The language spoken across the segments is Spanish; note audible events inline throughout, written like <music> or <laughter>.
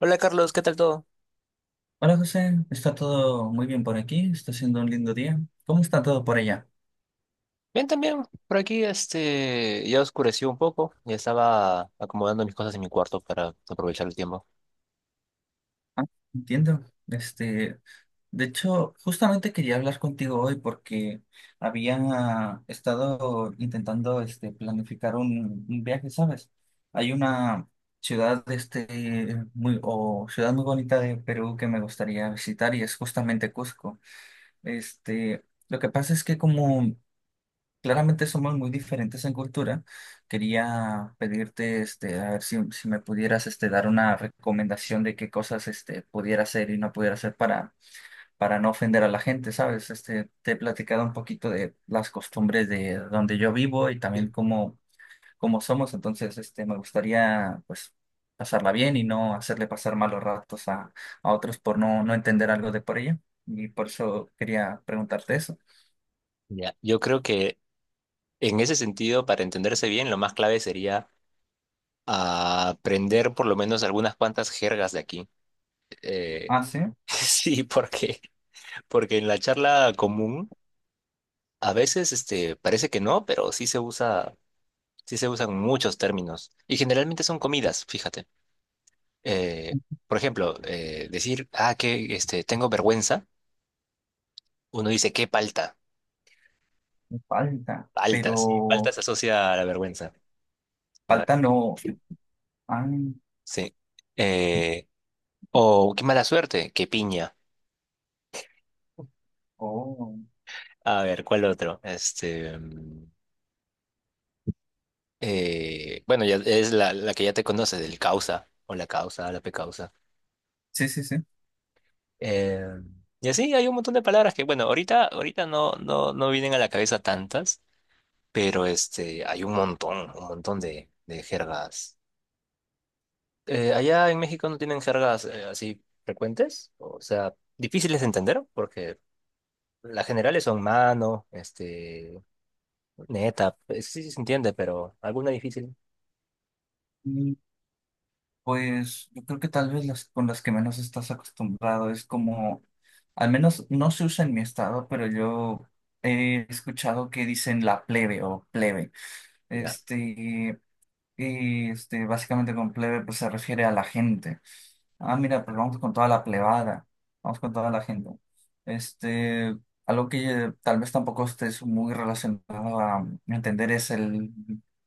Hola Carlos, ¿qué tal todo? Hola José, está todo muy bien por aquí, está siendo un lindo día. ¿Cómo está todo por allá? Bien, también. Por aquí ya oscureció un poco y estaba acomodando mis cosas en mi cuarto para aprovechar el tiempo. Ah, entiendo. De hecho, justamente quería hablar contigo hoy porque había estado intentando planificar un viaje, ¿sabes? Hay una ciudad o ciudad muy bonita de Perú que me gustaría visitar y es justamente Cusco. Este, lo que pasa es que, como claramente somos muy diferentes en cultura, quería pedirte, este, a ver si me pudieras, este, dar una recomendación de qué cosas, este, pudiera hacer y no pudiera hacer para no ofender a la gente, ¿sabes? Este, te he platicado un poquito de las costumbres de donde yo vivo y también Sí. Cómo somos. Entonces, este, me gustaría, pues, pasarla bien y no hacerle pasar malos ratos a otros por no entender algo de por ella. Y por eso quería preguntarte eso. Ya. Yo creo que en ese sentido, para entenderse bien, lo más clave sería aprender por lo menos algunas cuantas jergas de aquí. Eh, Ah, sí, <laughs> sí, porque en la charla común a veces parece que no, pero sí se usan muchos términos y generalmente son comidas, fíjate. eh, por ejemplo, decir, ah, que tengo vergüenza, uno dice, qué palta, me falta, pero... paltas se asocia a la vergüenza. Ah, Falta no. Ah, sí. Eh, o qué mala suerte, qué piña. oh. A ver, ¿cuál otro? Este, mm, bueno, ya es la que ya te conoces, el causa, o la causa, la pecausa. Sí, sí, sí. Eh, y así hay un montón de palabras que, bueno, ahorita no vienen a la cabeza tantas, pero hay un montón de jergas allá en México no tienen jergas así frecuentes, o sea, difíciles de entender, porque las generales son mano, este, neta, pues, sí, sí se entiende, pero alguna difícil. Mm, pues yo creo que tal vez las con las que menos estás acostumbrado es como, al menos no se usa en mi estado, pero yo he escuchado que dicen la plebe o plebe. Ya, Este, básicamente con plebe pues se refiere a la gente. Ah, mira, pues pero- vamos con toda la plebada, vamos con toda la gente. Este, algo que tal vez tampoco estés muy relacionado a entender es el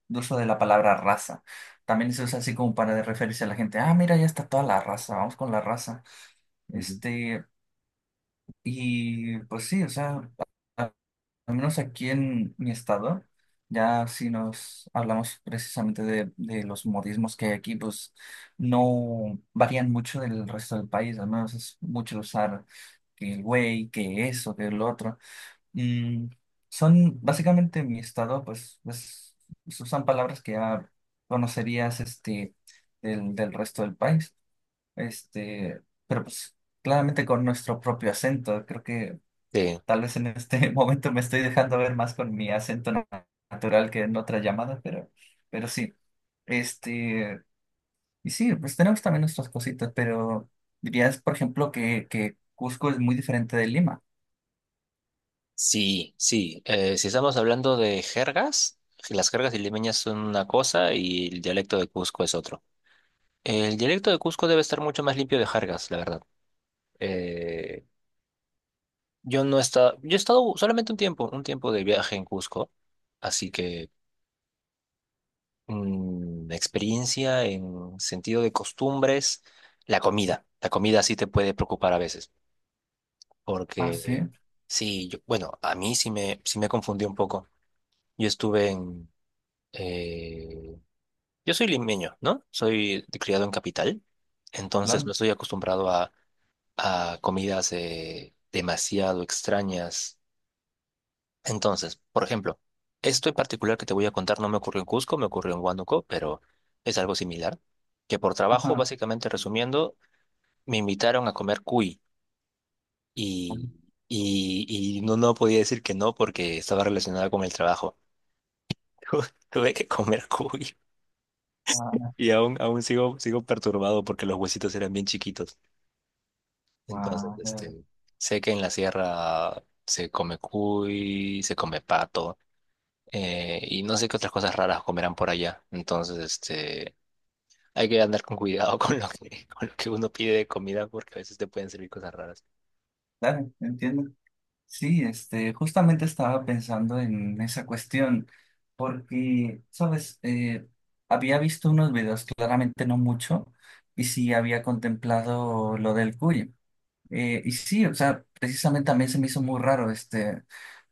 uso de la palabra raza. También se usa así como para referirse a la gente. Ah, mira, ya está toda la raza, vamos con la raza. Ujú. Este, y pues sí, o sea, al menos aquí en mi estado, ya si nos hablamos precisamente de los modismos que hay aquí, pues no varían mucho del resto del país, al menos es mucho usar que el güey, que eso, que el otro. Mm, son básicamente en mi estado, pues se usan palabras que ya conocerías este, del resto del país, este, pero pues claramente con nuestro propio acento, creo que Sí, tal vez en este <laughs> momento me estoy dejando ver más con mi acento natural que en otra llamada, pero sí. Este, y sí, pues tenemos también nuestras cositas, pero dirías, por ejemplo, que Cusco es muy diferente de Lima. sí, sí. Si estamos hablando de jergas, las jergas limeñas son una cosa y el dialecto de Cusco es otro. El dialecto de Cusco debe estar mucho más limpio de jergas, la verdad. Eh, yo no he estado, yo he estado solamente un tiempo de viaje en Cusco, así que mm, experiencia en sentido de costumbres, la comida. La comida sí te puede preocupar a veces, Ah, porque sí, sí, yo, bueno, a mí sí me confundí un poco. Yo estuve en... eh, yo soy limeño, ¿no? Soy de- criado en capital, entonces claro. no estoy acostumbrado a comidas demasiado extrañas. Entonces, por ejemplo, esto en particular que te voy a contar no me ocurrió en Cusco, me ocurrió en Huánuco, pero es algo similar. Que por trabajo, Ajá. básicamente resumiendo, me invitaron a comer cuy Guau, y, y no, no podía decir que no porque estaba relacionada con el trabajo. <laughs> Tuve que comer cuy guau, y aún, aún sigo, sigo perturbado porque los huesitos eran bien chiquitos. Entonces, guau, este, sé que en la sierra se come cuy, se come pato. Y no sé qué otras cosas raras comerán por allá. Entonces, este, hay que andar con cuidado <laughs> con lo que, <laughs> con lo que uno pide de comida porque a veces te pueden servir cosas raras. claro, entiendo. Sí, este, justamente estaba pensando en esa cuestión, porque, sabes, había visto unos videos, claramente no mucho, y sí había contemplado lo del cuyo. Y sí, o sea, precisamente también se me hizo muy raro, este,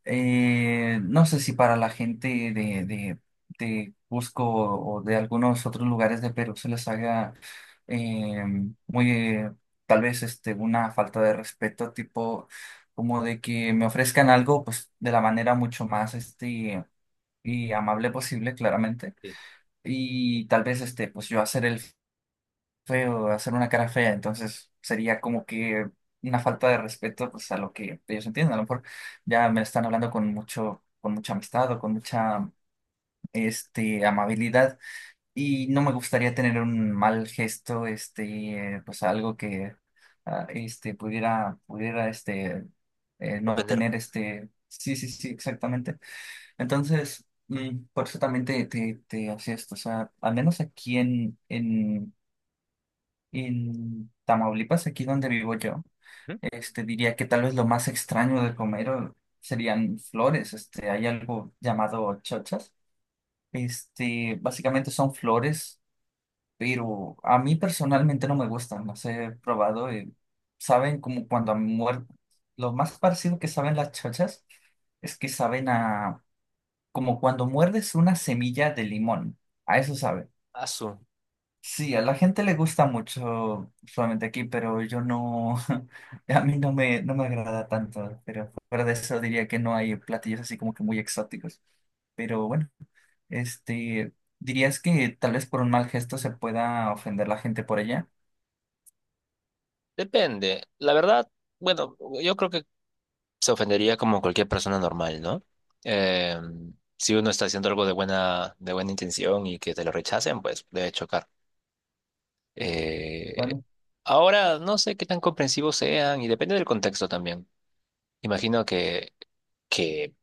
no sé si para la gente de, de, de Cusco o de algunos otros lugares de Perú se les haga eh, muy, eh, tal vez este, una falta de respeto, tipo como de que me ofrezcan algo pues de la manera mucho más este, y amable posible, claramente. Sí. Y tal vez este, pues yo hacer el feo, hacer una cara fea, entonces sería como que una falta de respeto pues a lo que ellos entienden. A lo mejor ya me están hablando con mucha amistad o con mucha este amabilidad y no me gustaría tener un mal gesto, este, pues algo que ah, este pudiera este no Ofender. tener este sí, sí, sí, exactamente. Entonces, mm, por eso también te hacía esto. O sea, al menos aquí en Tamaulipas, aquí donde vivo yo, ¿Mm? este, diría que tal vez lo más extraño de comer serían flores. Este, hay algo llamado chochas. Este, básicamente son flores, pero a mí personalmente no me gustan. Las he probado y saben como cuando han muerto. Lo más parecido que saben las chochas es que saben a como cuando muerdes una semilla de limón. A eso saben. Asu. Sí, a la gente le gusta mucho solamente aquí, pero yo no, <laughs> a mí no me agrada tanto, pero fuera de eso diría que no hay platillos así como que muy exóticos, pero bueno, este, ¿dirías que tal vez por un mal gesto se pueda ofender la gente por ella? Depende. La verdad, bueno, yo creo que se ofendería como cualquier persona normal, ¿no? Eh, si uno está haciendo algo de buena intención y que te lo rechacen, pues debe chocar. Eh, Bueno, Ahora, no sé qué tan comprensivos sean y depende del contexto también. Imagino que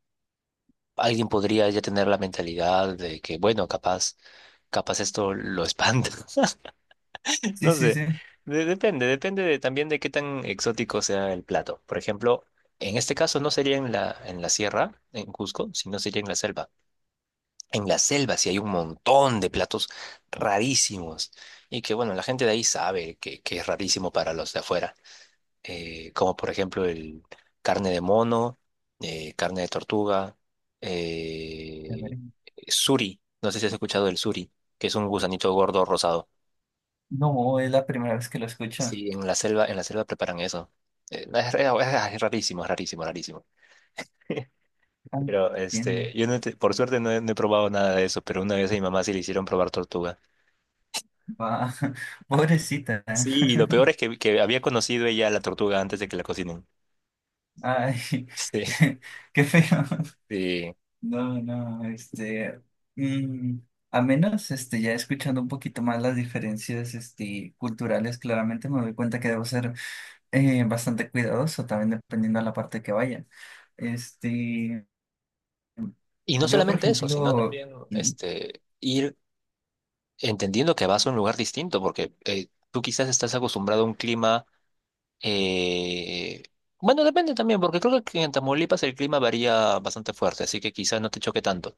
alguien podría ya tener la mentalidad de que, bueno, capaz esto lo espanta. <laughs> sí, No sí, sé. sí. A De- depende, depende de- también de qué tan exótico sea el plato. Por ejemplo, en este caso no sería en en la sierra, en Cusco, sino sería en la selva. En la selva sí hay un montón de platos rarísimos. Y que, bueno, la gente de ahí sabe que es rarísimo para los de afuera como por ejemplo el carne de mono, carne de tortuga, eh, ver, suri, no sé si has escuchado del suri, que es un gusanito gordo rosado. no, es la primera vez que lo escucho. Sí, en la selva preparan eso. No, es- ah, Es rarísimo, es rarísimo, rarísimo. <laughs> Ah, Pero este, entiendo. yo no te- por suerte no he, no he probado nada de eso, pero una vez a mi mamá sí le hicieron probar tortuga. Va, <laughs> pobrecita. Sí, y lo peor es <laughs> que había conocido ella la tortuga antes de que la cocinen. Ay, <laughs> Sí, qué, qué feo. sí. No, no, este, mm, a menos, este, ya escuchando un poquito más las diferencias, este, culturales, claramente me doy cuenta que debo ser bastante cuidadoso también dependiendo de la parte que vaya. Este, Y no yo, por solamente eso, sino ejemplo, también mm, este, ir entendiendo que vas a un lugar distinto, porque tú quizás estás acostumbrado a un clima, eh, bueno, depende también, porque creo que en Tamaulipas el clima varía bastante fuerte, así que quizás no te choque tanto,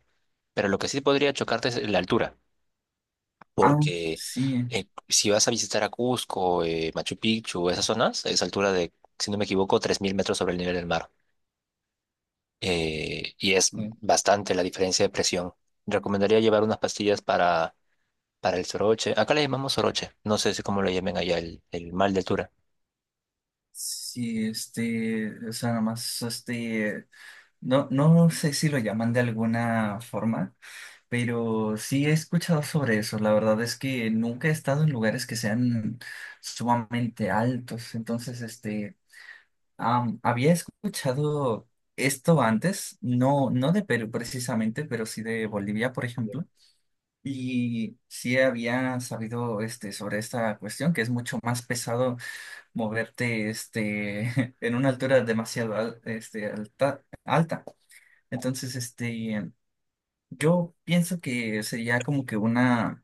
pero lo que sí podría chocarte es la altura, ah, porque sí, si vas a visitar a Cusco, Machu Picchu, esas zonas, es altura de, si no me equivoco, 3000 metros sobre el nivel del mar, y es sí, bastante la diferencia de presión. Recomendaría llevar unas pastillas para el soroche. Acá le llamamos soroche. No sé si cómo lo llamen allá, el mal de altura. sí, este, o sea, nada más, este, no sé si lo llaman de alguna forma. Pero sí he escuchado sobre eso. La verdad es que nunca he estado en lugares que sean sumamente altos. Entonces, este, am, había escuchado esto antes, no de Perú precisamente, pero sí de Bolivia, por ejemplo. Y sí había sabido este, sobre esta cuestión, que es mucho más pesado moverte este, <laughs> en una altura demasiado este, alta. Entonces, este, yo pienso que sería como que una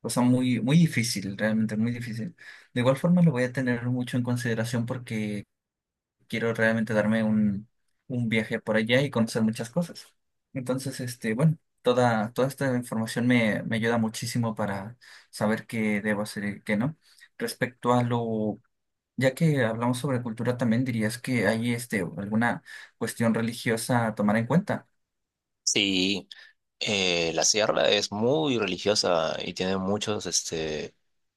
cosa muy, muy difícil, realmente muy difícil. De igual forma lo voy a tener mucho en consideración porque quiero realmente darme un viaje por allá y conocer muchas cosas. Entonces, este, bueno, toda esta información me ayuda muchísimo para saber qué debo hacer y qué no. Respecto a lo, ya que hablamos sobre cultura, también dirías que hay este, alguna cuestión religiosa a tomar en cuenta. Sí, la sierra es muy religiosa y tiene muchos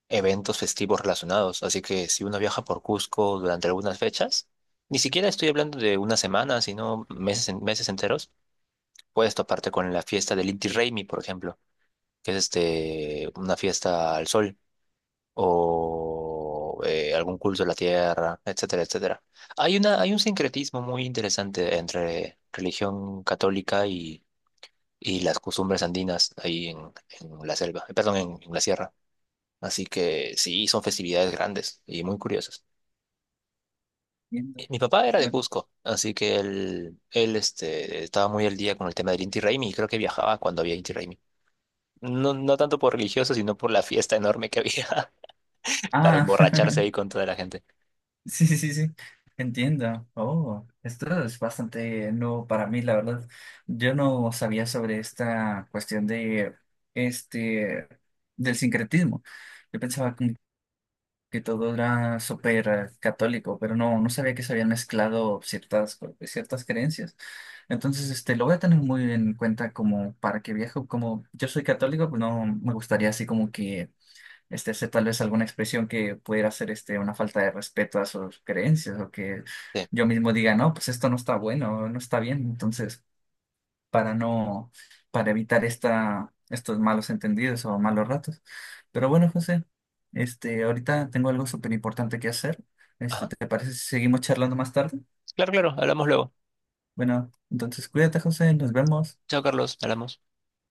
eventos festivos relacionados. Así que si uno viaja por Cusco durante algunas fechas, ni siquiera estoy hablando de una semana, sino meses, en- meses enteros, puedes toparte con la fiesta del Inti Raymi, por ejemplo, que es una fiesta al sol. O algún culto de la tierra, etcétera, etcétera. Hay un sincretismo muy interesante entre religión católica y las costumbres andinas ahí en la selva, perdón, en la sierra. Así que sí, son festividades grandes y muy curiosas. Entiendo. Mi papá era de Bueno, Cusco, así que él este, estaba muy al día con el tema del Inti Raymi y creo que viajaba cuando había Inti Raymi. No, no tanto por religioso, sino por la fiesta enorme que había <laughs> para ah, emborracharse <laughs> ahí con toda la gente. sí, sí, sí, sí. Entiendo. Oh, esto es bastante nuevo para mí, la verdad. Yo no sabía sobre esta cuestión de este del sincretismo. Yo pensaba como que todo era súper católico, pero no, no sabía que se habían mezclado ciertas creencias. Entonces, este, lo voy a tener muy en cuenta como para que viaje, como yo soy católico, pues no me gustaría así como que este, hacer tal vez alguna expresión que pudiera ser este, una falta de respeto a sus creencias o que Sí. yo mismo diga, no, pues esto no está bueno, no está bien. Entonces, para no, para evitar esta, estos malos entendidos o malos ratos. Pero bueno, José, este, ahorita tengo algo súper importante que hacer. Este, Ajá. ¿te parece si seguimos charlando más tarde? Claro, claro, hablamos luego. Bueno, entonces cuídate, José, nos vemos. Chao, Carlos, hablamos.